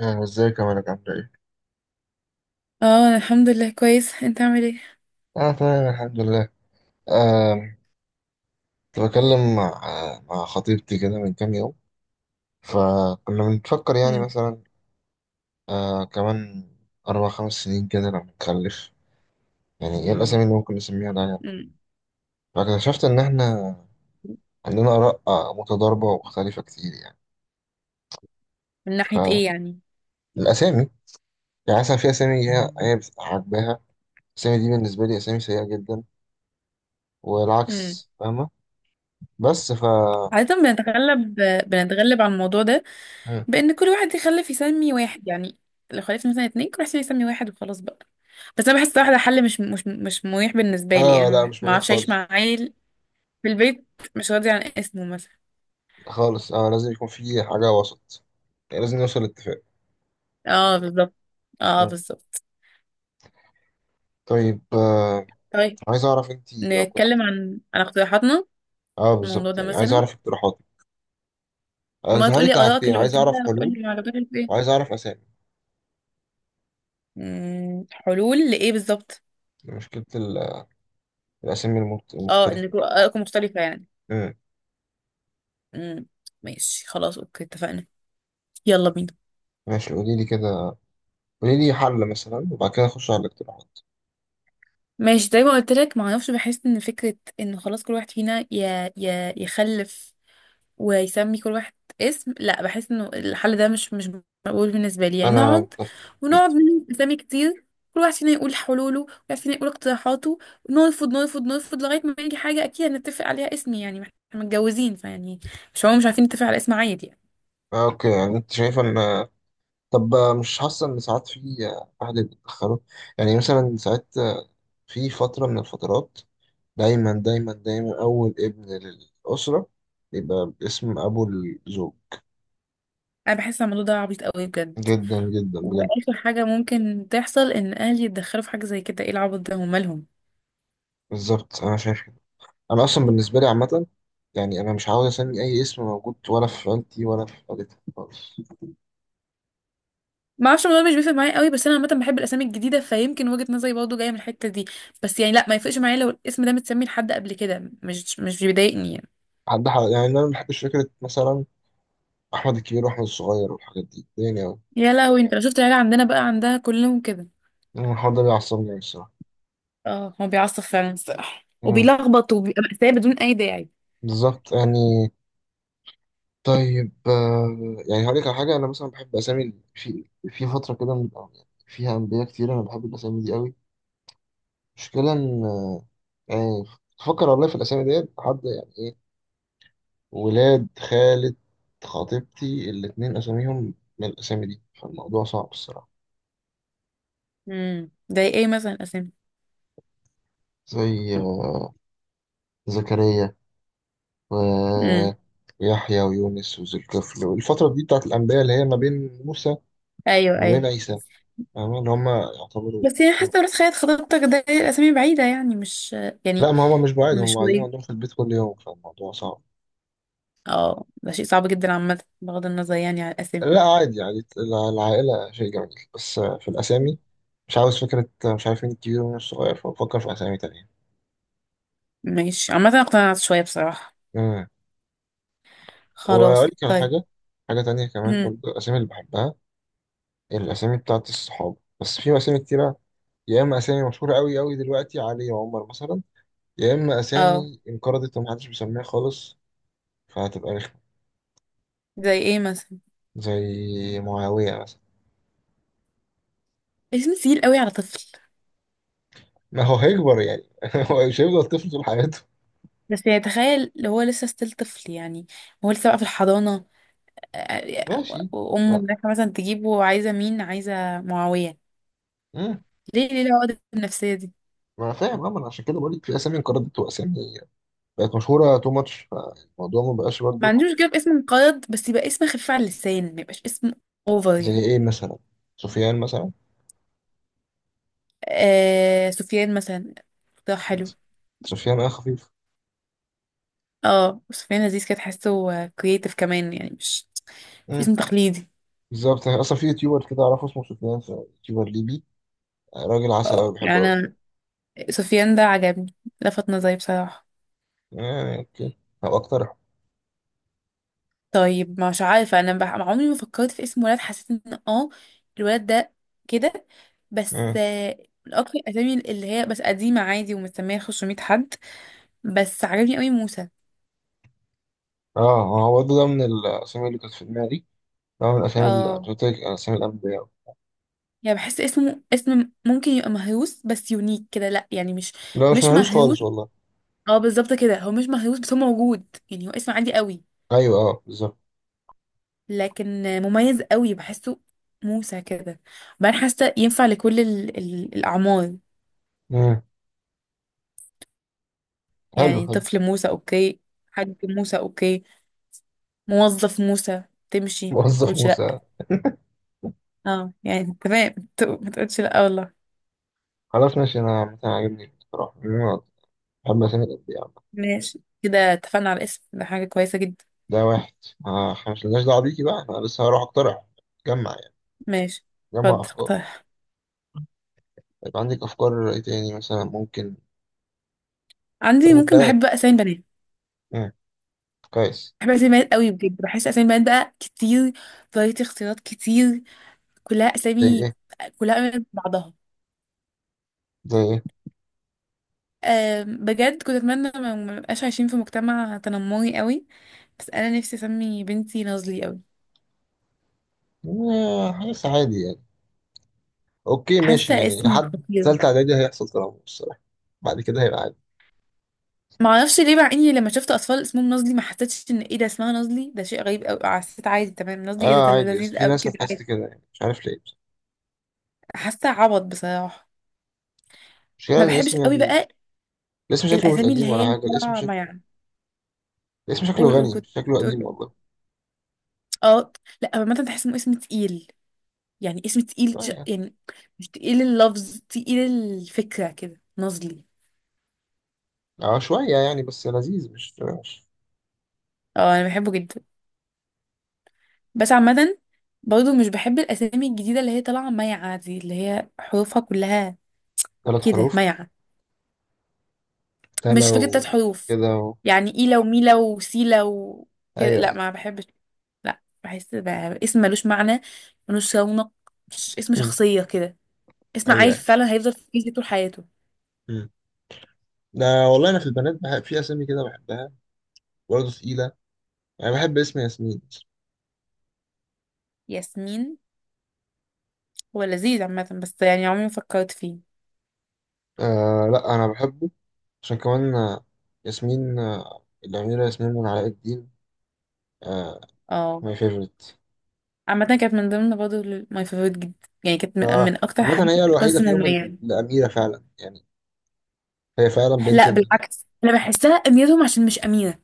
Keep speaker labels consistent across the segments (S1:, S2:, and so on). S1: ازيك يا مالك عامل ايه؟
S2: اه، انا الحمد لله كويس. انت عامل ايه؟
S1: اه، تمام الحمد لله. آه، كنت بكلم مع خطيبتي كده من كام يوم، فكنا بنفكر يعني
S2: مم.
S1: مثلا كمان أربع خمس سنين كده لما نخلف. يعني ايه الأسامي اللي ممكن نسميها ده يعني.
S2: مم.
S1: فاكتشفت إن احنا عندنا آراء متضاربة ومختلفة كتير يعني.
S2: من ناحية ايه يعني؟
S1: فالأسامي يعني مثلا في أسامي هي عاجباها. الأسامي دي بالنسبة لي أسامي سيئة جدا،
S2: مم.
S1: والعكس، فاهمة؟ بس ف...
S2: عادة بنتغلب على الموضوع ده،
S1: مم.
S2: بان كل واحد يخلف يسمي واحد يعني، لو خلفت مثلا اتنين، كل واحد يسمي واحد وخلاص بقى. بس انا بحس واحدة حل مش مريح بالنسبة لي، يعني
S1: اه، لا
S2: ما
S1: مش
S2: ما
S1: مريح
S2: اعرفش اعيش
S1: خالص.
S2: مع عيل في البيت مش راضي عن اسمه مثلا.
S1: خالص، اه، لازم يكون في حاجة وسط، يعني لازم نوصل لاتفاق.
S2: اه، بالظبط. اه،
S1: مم.
S2: بالظبط.
S1: طيب
S2: طيب،
S1: عايز اعرف انت لو كنت.
S2: نتكلم عن اقتراحاتنا
S1: اه
S2: في الموضوع
S1: بالظبط،
S2: ده
S1: يعني عايز
S2: مثلا.
S1: اعرف اقتراحاتك.
S2: ما
S1: اقتراحاتي
S2: تقولي
S1: كان
S2: ارائك
S1: حاجتين،
S2: اللي
S1: عايز
S2: قلتها،
S1: اعرف حلول
S2: وتقولي ما عجبتكش
S1: وعايز
S2: ايه.
S1: اعرف اسامي،
S2: حلول لإيه بالظبط؟
S1: يعني مشكلة الاسامي
S2: اه،
S1: المختلفة
S2: انكم
S1: كده.
S2: آراءكم مختلفة يعني.
S1: مم.
S2: مم، ماشي، خلاص، اوكي اتفقنا. يلا بينا.
S1: ماشي قولي لي كده، قولي لي حل مثلا وبعد كده اخش على الاقتراحات.
S2: ماشي، زي ما قلت لك، ما اعرفش، بحس ان فكرة ان خلاص كل واحد فينا يخلف ويسمي كل واحد اسم، لا، بحس انه الحل ده مش مقبول بالنسبة لي، يعني
S1: انا
S2: نقعد
S1: متفق
S2: ونقعد
S1: جدا.
S2: نلم اسامي كتير، كل واحد فينا يقول حلوله، كل واحد فينا يقول اقتراحاته، نرفض، نرفض، نرفض لغاية ما يجي حاجة اكيد هنتفق عليها اسم، يعني ما احنا متجوزين فيعني. مش هو مش عارفين نتفق على اسم عادي يعني.
S1: اوكي، يعني انت شايف ان... طب مش حاسة ان ساعات في اهل بيتدخلوا، يعني مثلا ساعات في فترة من الفترات دايما دايما دايما أول ابن للأسرة يبقى باسم أبو الزوج.
S2: انا بحس إن الموضوع ده عبيط قوي، بجد.
S1: جدا جدا بجد،
S2: واخر حاجه ممكن تحصل ان اهلي يتدخلوا في حاجه زي كده، ايه العبط ده، هم مالهم؟
S1: بالظبط أنا شايف كده. أنا أصلا بالنسبة لي عامة، يعني أنا مش عاوز أسمي أي اسم موجود ولا في عيلتي ولا في عيلتي خالص.
S2: ما اعرفش، الموضوع مش بيفرق معايا قوي، بس انا عامه بحب الاسامي الجديده، فيمكن وجهه نظري برضه جايه من الحته دي. بس يعني لا، ما يفرقش معايا لو الاسم ده متسمي لحد قبل كده، مش بيضايقني يعني.
S1: يعني أنا ما بحبش فكرة مثلا أحمد الكبير وأحمد الصغير والحاجات دي، يعني أوي.
S2: يا لهوي، انت لو شفت العيله عندنا بقى عندها كلهم كده.
S1: أنا الحوار ده بيعصبني أوي الصراحة.
S2: اه، هو بيعصب فعلا الصراحه،
S1: أمم،
S2: وبيلخبط وبيبقى مأساة بدون اي داعي.
S1: بالظبط يعني. طيب يعني هقول لك على حاجة. أنا مثلا بحب أسامي في فترة كده أو يعني فيها أنبياء كتير، أنا بحب الأسامي دي أوي. مشكلة إن، يعني تفكر والله في الأسامي ديت حد يعني إيه. ولاد خالة خطيبتي الاتنين أساميهم من الأسامي دي، فالموضوع صعب الصراحة.
S2: زي ايه مثلا اسامي؟
S1: زي زكريا
S2: امم،
S1: ويحيى ويونس وذو الكفل، والفترة دي بتاعت الأنبياء اللي هي ما بين موسى
S2: ايوه،
S1: وما
S2: ايوه.
S1: بين عيسى، فاهمة اللي هما يعتبروا
S2: بس يعني
S1: كانوا-
S2: حاسه راس خيط خطيبتك ده، الاسامي بعيده يعني، مش. يعني
S1: لا، ما هما مش بعيد،
S2: مش
S1: هما قاعدين
S2: قريب.
S1: عندهم في البيت كل يوم، فالموضوع صعب.
S2: اه، ده شيء صعب جدا عامة، بغض النظر يعني عن الأسامي.
S1: لا عادي، يعني العائلة شيء جميل، بس في الأسامي مش عاوز فكرة مش عارفين الكبير ومين الصغير، فبفكر في أسامي تانية.
S2: ماشي، عامة أنا اقتنعت شوية بصراحة.
S1: مم. وأقول
S2: خلاص.
S1: لك على
S2: طيب.
S1: حاجة، حاجة تانية كمان
S2: هم.
S1: برضه، الأسامي اللي بحبها الأسامي بتاعت الصحاب، بس في أسامي كتيرة. يا إما أسامي مشهورة أوي أوي دلوقتي علي وعمر مثلا، يا إما
S2: اه،
S1: أسامي انقرضت ومحدش بيسميها خالص فهتبقى رخمة،
S2: زي ايه مثلا؟
S1: زي معاوية مثلا.
S2: اسم تقيل قوي على طفل.
S1: ما هو هيكبر يعني هو مش هيفضل طفل طول حياته.
S2: بس يعني تخيل لو هو لسه ستيل طفل يعني، هو لسه بقى في الحضانة.
S1: ماشي،
S2: وأمه رايحة مثلا تجيبه، عايزة مين، عايزة معاوية؟
S1: لا،
S2: ليه ليه العقد النفسية دي؟
S1: ما انا فاهم، اه، ما انا عشان كده بقول لك في اسامي انقرضت واسامي بقت مشهوره تو ماتش، فالموضوع ما بقاش
S2: ما
S1: برضه.
S2: عنديش مشكلة باسم مقيد، بس يبقى اسم خفيف على اللسان، ما يبقاش اسم اوفر
S1: زي
S2: يعني.
S1: ايه مثلا؟ سفيان مثلا.
S2: آه، سفيان مثلا. ده حلو.
S1: سفيان خفيف.
S2: اه، سفيان لذيذ كده، تحسه كرييتيف كمان يعني، مش
S1: مم.
S2: اسم تقليدي.
S1: بالظبط، يعني اصلا في يوتيوبر كده اعرفه اسمه سفيان، يوتيوبر ليبي، راجل عسل قوي
S2: اه، يعني
S1: بحبه قوي.
S2: انا، سفيان ده عجبني، لفت نظري بصراحة.
S1: آه، اوكي، هبقى اقترحه.
S2: طيب، مش عارفة، انا عمري ما فكرت في اسم ولد، حسيت ان الولد ده كده، بس
S1: اه
S2: من اكتر الاسامي اللي هي بس قديمة عادي، ومسمية 500 حد. بس عجبني قوي موسى.
S1: اه هو ده، من الاسامي اللي كانت في دماغي، ده من الاسامي اللي
S2: اه،
S1: قلت لك اسامي الانبياء.
S2: يعني بحس اسمه اسم ممكن يبقى مهروس بس يونيك كده، لا يعني مش
S1: لا، مش
S2: مش
S1: مهروس
S2: مهروس.
S1: خالص والله.
S2: اه، بالظبط كده، هو مش مهروس بس هو موجود، يعني هو اسم عادي قوي.
S1: ايوه اه بالظبط.
S2: لكن مميز قوي بحسه، موسى كده. بعدين حاسه ينفع لكل ال الاعمار.
S1: مم. حلو
S2: يعني
S1: حلو.
S2: طفل موسى، اوكي. حاج موسى، اوكي. موظف موسى. تمشي، ما
S1: موظف
S2: تقولش لا.
S1: موسى.
S2: اه، يعني تمام ما تقولش لا والله.
S1: خلاص ماشي، انا عامة عاجبني بصراحه. أما سنة قد إيه يا عم؟
S2: ماشي كده، اتفقنا على الاسم ده، حاجه كويسه جدا.
S1: ده واحد. إحنا مش لناش دعوة بيكي بقى، أنا لسه هروح أقترح. جمع يعني،
S2: ماشي،
S1: جمع
S2: اتفضل
S1: أفكار.
S2: اقترح.
S1: يبقى عندك أفكار إيه تاني مثلا ممكن؟ طب
S2: عندي، ممكن،
S1: بلد،
S2: بحب بقى اسامي بنات.
S1: كويس.
S2: بحب اسامي بنات قوي بجد، بحس اسامي بنات بقى كتير، فرايتي اختيارات كتير، كلها
S1: زي
S2: اسامي،
S1: إيه؟
S2: كلها قريبة من بعضها.
S1: زي إيه؟
S2: بجد كنت اتمنى ما نبقاش عايشين في مجتمع تنمري قوي. بس انا نفسي اسمي بنتي نازلي قوي.
S1: حاجات عادي يعني. أوكي ماشي،
S2: حاسه
S1: يعني
S2: اسم
S1: لحد
S2: خطير.
S1: تالتة إعدادي هيحصل تنمر الصراحة، بعد كده هيبقى عادي.
S2: ما اعرفش ليه، مع اني لما شفت اطفال اسمهم نازلي ما حسيتش ان ايه ده اسمها نازلي، ده شيء غريب قوي، حسيت عادي تمام، نازلي، ايه ده
S1: آه،
S2: ده
S1: عادي، بس
S2: لذيذ
S1: في
S2: قوي
S1: ناس
S2: كده،
S1: هتحس
S2: عادي.
S1: كده يعني مش عارف ليه بس.
S2: حاسه عبط بصراحه.
S1: المشكلة
S2: ما
S1: إن
S2: بحبش
S1: الاسم،
S2: قوي
S1: يعني
S2: بقى.
S1: الاسم شكله مش
S2: الاسامي اللي
S1: قديم
S2: هي
S1: ولا
S2: اللي
S1: حاجة، الاسم
S2: طالعه، ما
S1: شكله...
S2: يعني.
S1: الاسم شكله
S2: قول، قول،
S1: غني
S2: كنت
S1: مش شكله
S2: تقول
S1: قديم
S2: ايه؟
S1: والله.
S2: اه. لا عامه تحس انه اسم تقيل، يعني اسم تقيل
S1: شوية.
S2: يعني، مش تقيل اللفظ، تقيل الفكره، كده نازلي.
S1: آه شوية يعني، بس لذيذ مش.
S2: اه، انا بحبه جدا. بس عامة، برضه مش بحب الاسامي الجديدة اللي هي طالعة مايعة دي، اللي هي حروفها كلها
S1: ثلاث
S2: كده
S1: حروف
S2: مايعة،
S1: ده
S2: مش فكرة تلات
S1: لو
S2: حروف،
S1: كده اهو.
S2: يعني ايلا وميلا وسيلا وكده،
S1: ايوه
S2: لا
S1: ايوه.
S2: ما بحبش. لا، بحس بقى اسم ملوش معنى، ملوش رونق، اسم
S1: مم.
S2: شخصية كده. اسم
S1: ايوه
S2: عيل
S1: ايوه.
S2: فعلا هيفضل في كيس طول حياته.
S1: مم. ده والله انا في البنات بحب في اسامي كده بحبها، برضه تقيله. انا بحب اسم ياسمين.
S2: ياسمين. هو لذيذ عامة، بس يعني عمري ما فكرت فيه.
S1: آه، لا انا بحبه عشان كمان ياسمين الاميره ياسمين من علاء الدين. آه
S2: اه،
S1: ماي فيفورت.
S2: عامة كانت من ضمن برضه، ماي فيفورت جدا. يعني كانت من,
S1: آه،
S2: من اكتر
S1: عامة
S2: حاجات
S1: هي الوحيده
S2: القصص
S1: فيهم
S2: المميزة.
S1: الاميره فعلا يعني، هي فعلا بنت
S2: لا،
S1: الملك.
S2: بالعكس انا بحسها اميتهم عشان مش امينه.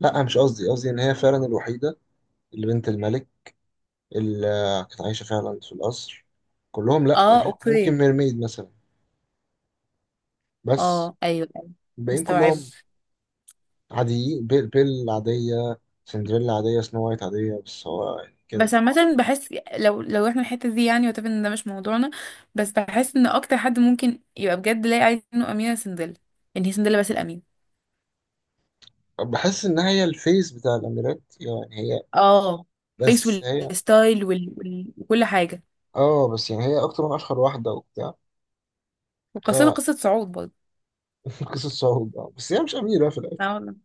S1: لا مش قصدي، قصدي ان هي فعلا الوحيده اللي بنت الملك، اللي كانت عايشه فعلا في القصر. كلهم، لا،
S2: اه، اوكي.
S1: ممكن ميرميد مثلا، بس
S2: اه، ايوه، ايوه.
S1: الباقيين
S2: مستوعبه.
S1: كلهم عاديين. بيل عادية، سندريلا عادية، سنو وايت عادية، بس هو يعني كده.
S2: بس عامه بحس، لو احنا الحته دي يعني، وتبقى ان ده مش موضوعنا، بس بحس ان اكتر حد ممكن يبقى بجد لاقي عايز انه امينه سندل، ان هي سندل بس الامين.
S1: بحس إن هي الفيس بتاع الأميرات، يعني هي،
S2: اه، فيس
S1: بس هي.
S2: والستايل وكل حاجه.
S1: اه. بس يعني هي أكتر من أشهر واحدة وبتاع.
S2: وقصتها قصه صعود برضه.
S1: قصة صعود، بس هي مش أميرة في الأكل.
S2: لا والله،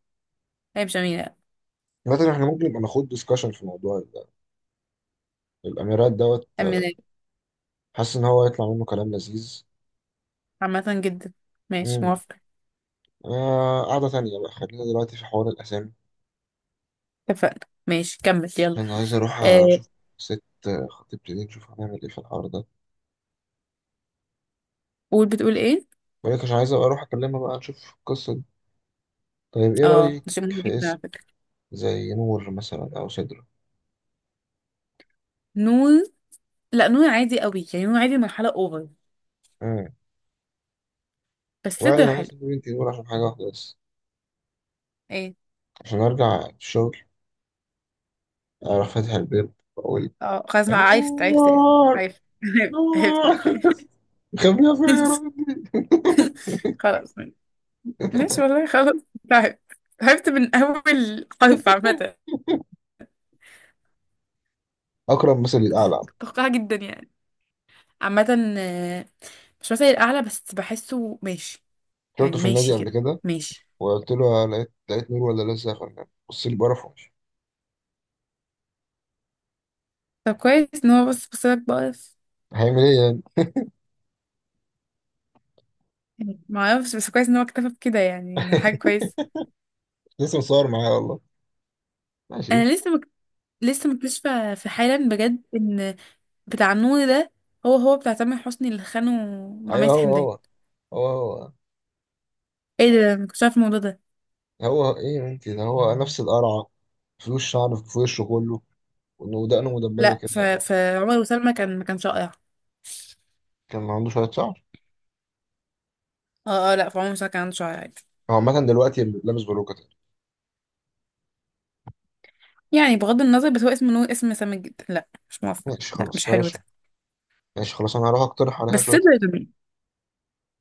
S2: هي مش امينه.
S1: مثلا احنا ممكن نبقى ناخد ديسكشن في الموضوع ده، الأميرات دوت
S2: امينه.
S1: حاسس إن هو يطلع منه كلام لذيذ.
S2: عامه جدا. ماشي،
S1: امم.
S2: موافقه.
S1: قعدة تانية بقى، خلينا دلوقتي في حوار الأسامي.
S2: اتفقنا، ماشي، كمل، يلا.
S1: أنا عايز أروح
S2: آه،
S1: أشوف ست خطيبتي دي، نشوف هنعمل إيه في الحوار ده.
S2: قول، بتقول ايه؟
S1: بقولك عشان عايز أبقى أروح أكلمها بقى نشوف القصة دي. طيب إيه
S2: اه،
S1: رأيك
S2: ده شيء مهم
S1: في
S2: جدا على
S1: اسم
S2: فكرة.
S1: زي نور مثلا أو سدرة؟
S2: نون. لا، نون عادي قوي، يعني نون عادي مرحلة اوفر.
S1: مم.
S2: بس
S1: ولا
S2: صدر
S1: أنا عايز
S2: حلو.
S1: أسيب بنتي نور عشان حاجة واحدة بس،
S2: ايه؟
S1: عشان أرجع الشغل أروح فاتح الباب وأقول
S2: اه، خلاص بقى، عرفت الإفيه.
S1: نور،
S2: عرفت عرفت
S1: نور،
S2: الإفيه.
S1: مخبيها فين يا ربي؟
S2: خلاص. ماشي والله، خلاص. تعبت. تعبت من أول حرف عامة.
S1: أكرم مثل الأعلى.
S2: توقع جدا يعني. عامة، مش مثلي الأعلى، بس بحسه ماشي،
S1: شفته
S2: يعني
S1: في النادي
S2: ماشي
S1: قبل
S2: كده.
S1: كده
S2: ماشي.
S1: وقلت له: لقيت نور ولا لسه يا فنان؟ بص لي بقرف ومشي.
S2: طب، كويس إن هو بص بص لك بقف.
S1: هيعمل إيه يعني؟
S2: يعني معرفش، بس كويس إن هو اكتفى بكده، يعني ده حاجة كويسة.
S1: لسه مصور معايا والله. ماشي.
S2: أنا لسه مك... لسه مكتشفة في حالا بجد إن بتاع النور ده، هو هو بتاع تامر حسني اللي خانه مع
S1: أيوه
S2: ميس حمدان.
S1: هو هو، هو
S2: ايه ده، ما كنتش عارف الموضوع ده.
S1: هو. هو إيه يا بنتي، ده هو نفس القرعة، في وش شعر في وشه كله ودقنه مدببه
S2: لا،
S1: كده.
S2: فعمر وسلمى كان، ما كانش رائع.
S1: كان عنده شويه شعر.
S2: اه، اه، لا فعمر وسلمى كان عنده شعر عادي.
S1: هو عامه دلوقتي لابس بلوكه تاني.
S2: يعني بغض النظر، بس هو اسم نور اسم سامج جدا، لا مش موافقة،
S1: ماشي
S2: لا
S1: خلاص
S2: مش حلو
S1: بلاش.
S2: ده.
S1: ماشي خلاص، انا هروح اقترح
S2: بس
S1: عليها شويه
S2: صدر
S1: أسئلة.
S2: جميل.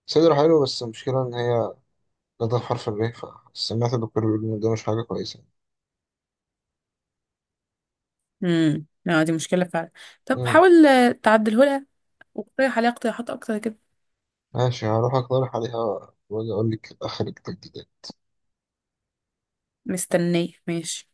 S1: صدر حلو، بس المشكله ان هي جت حرف الري، فسمعت الدكتور بيقول ان ده مش حاجه كويسه.
S2: لا، دي مشكلة فعلا. طب
S1: امم.
S2: حاول تعدله لها، واقترح عليها اقتراحات اكتر كده.
S1: ماشي، هروح اقترح عليها واجي اقول لك اخر التجديد.
S2: مستنية، ماشي.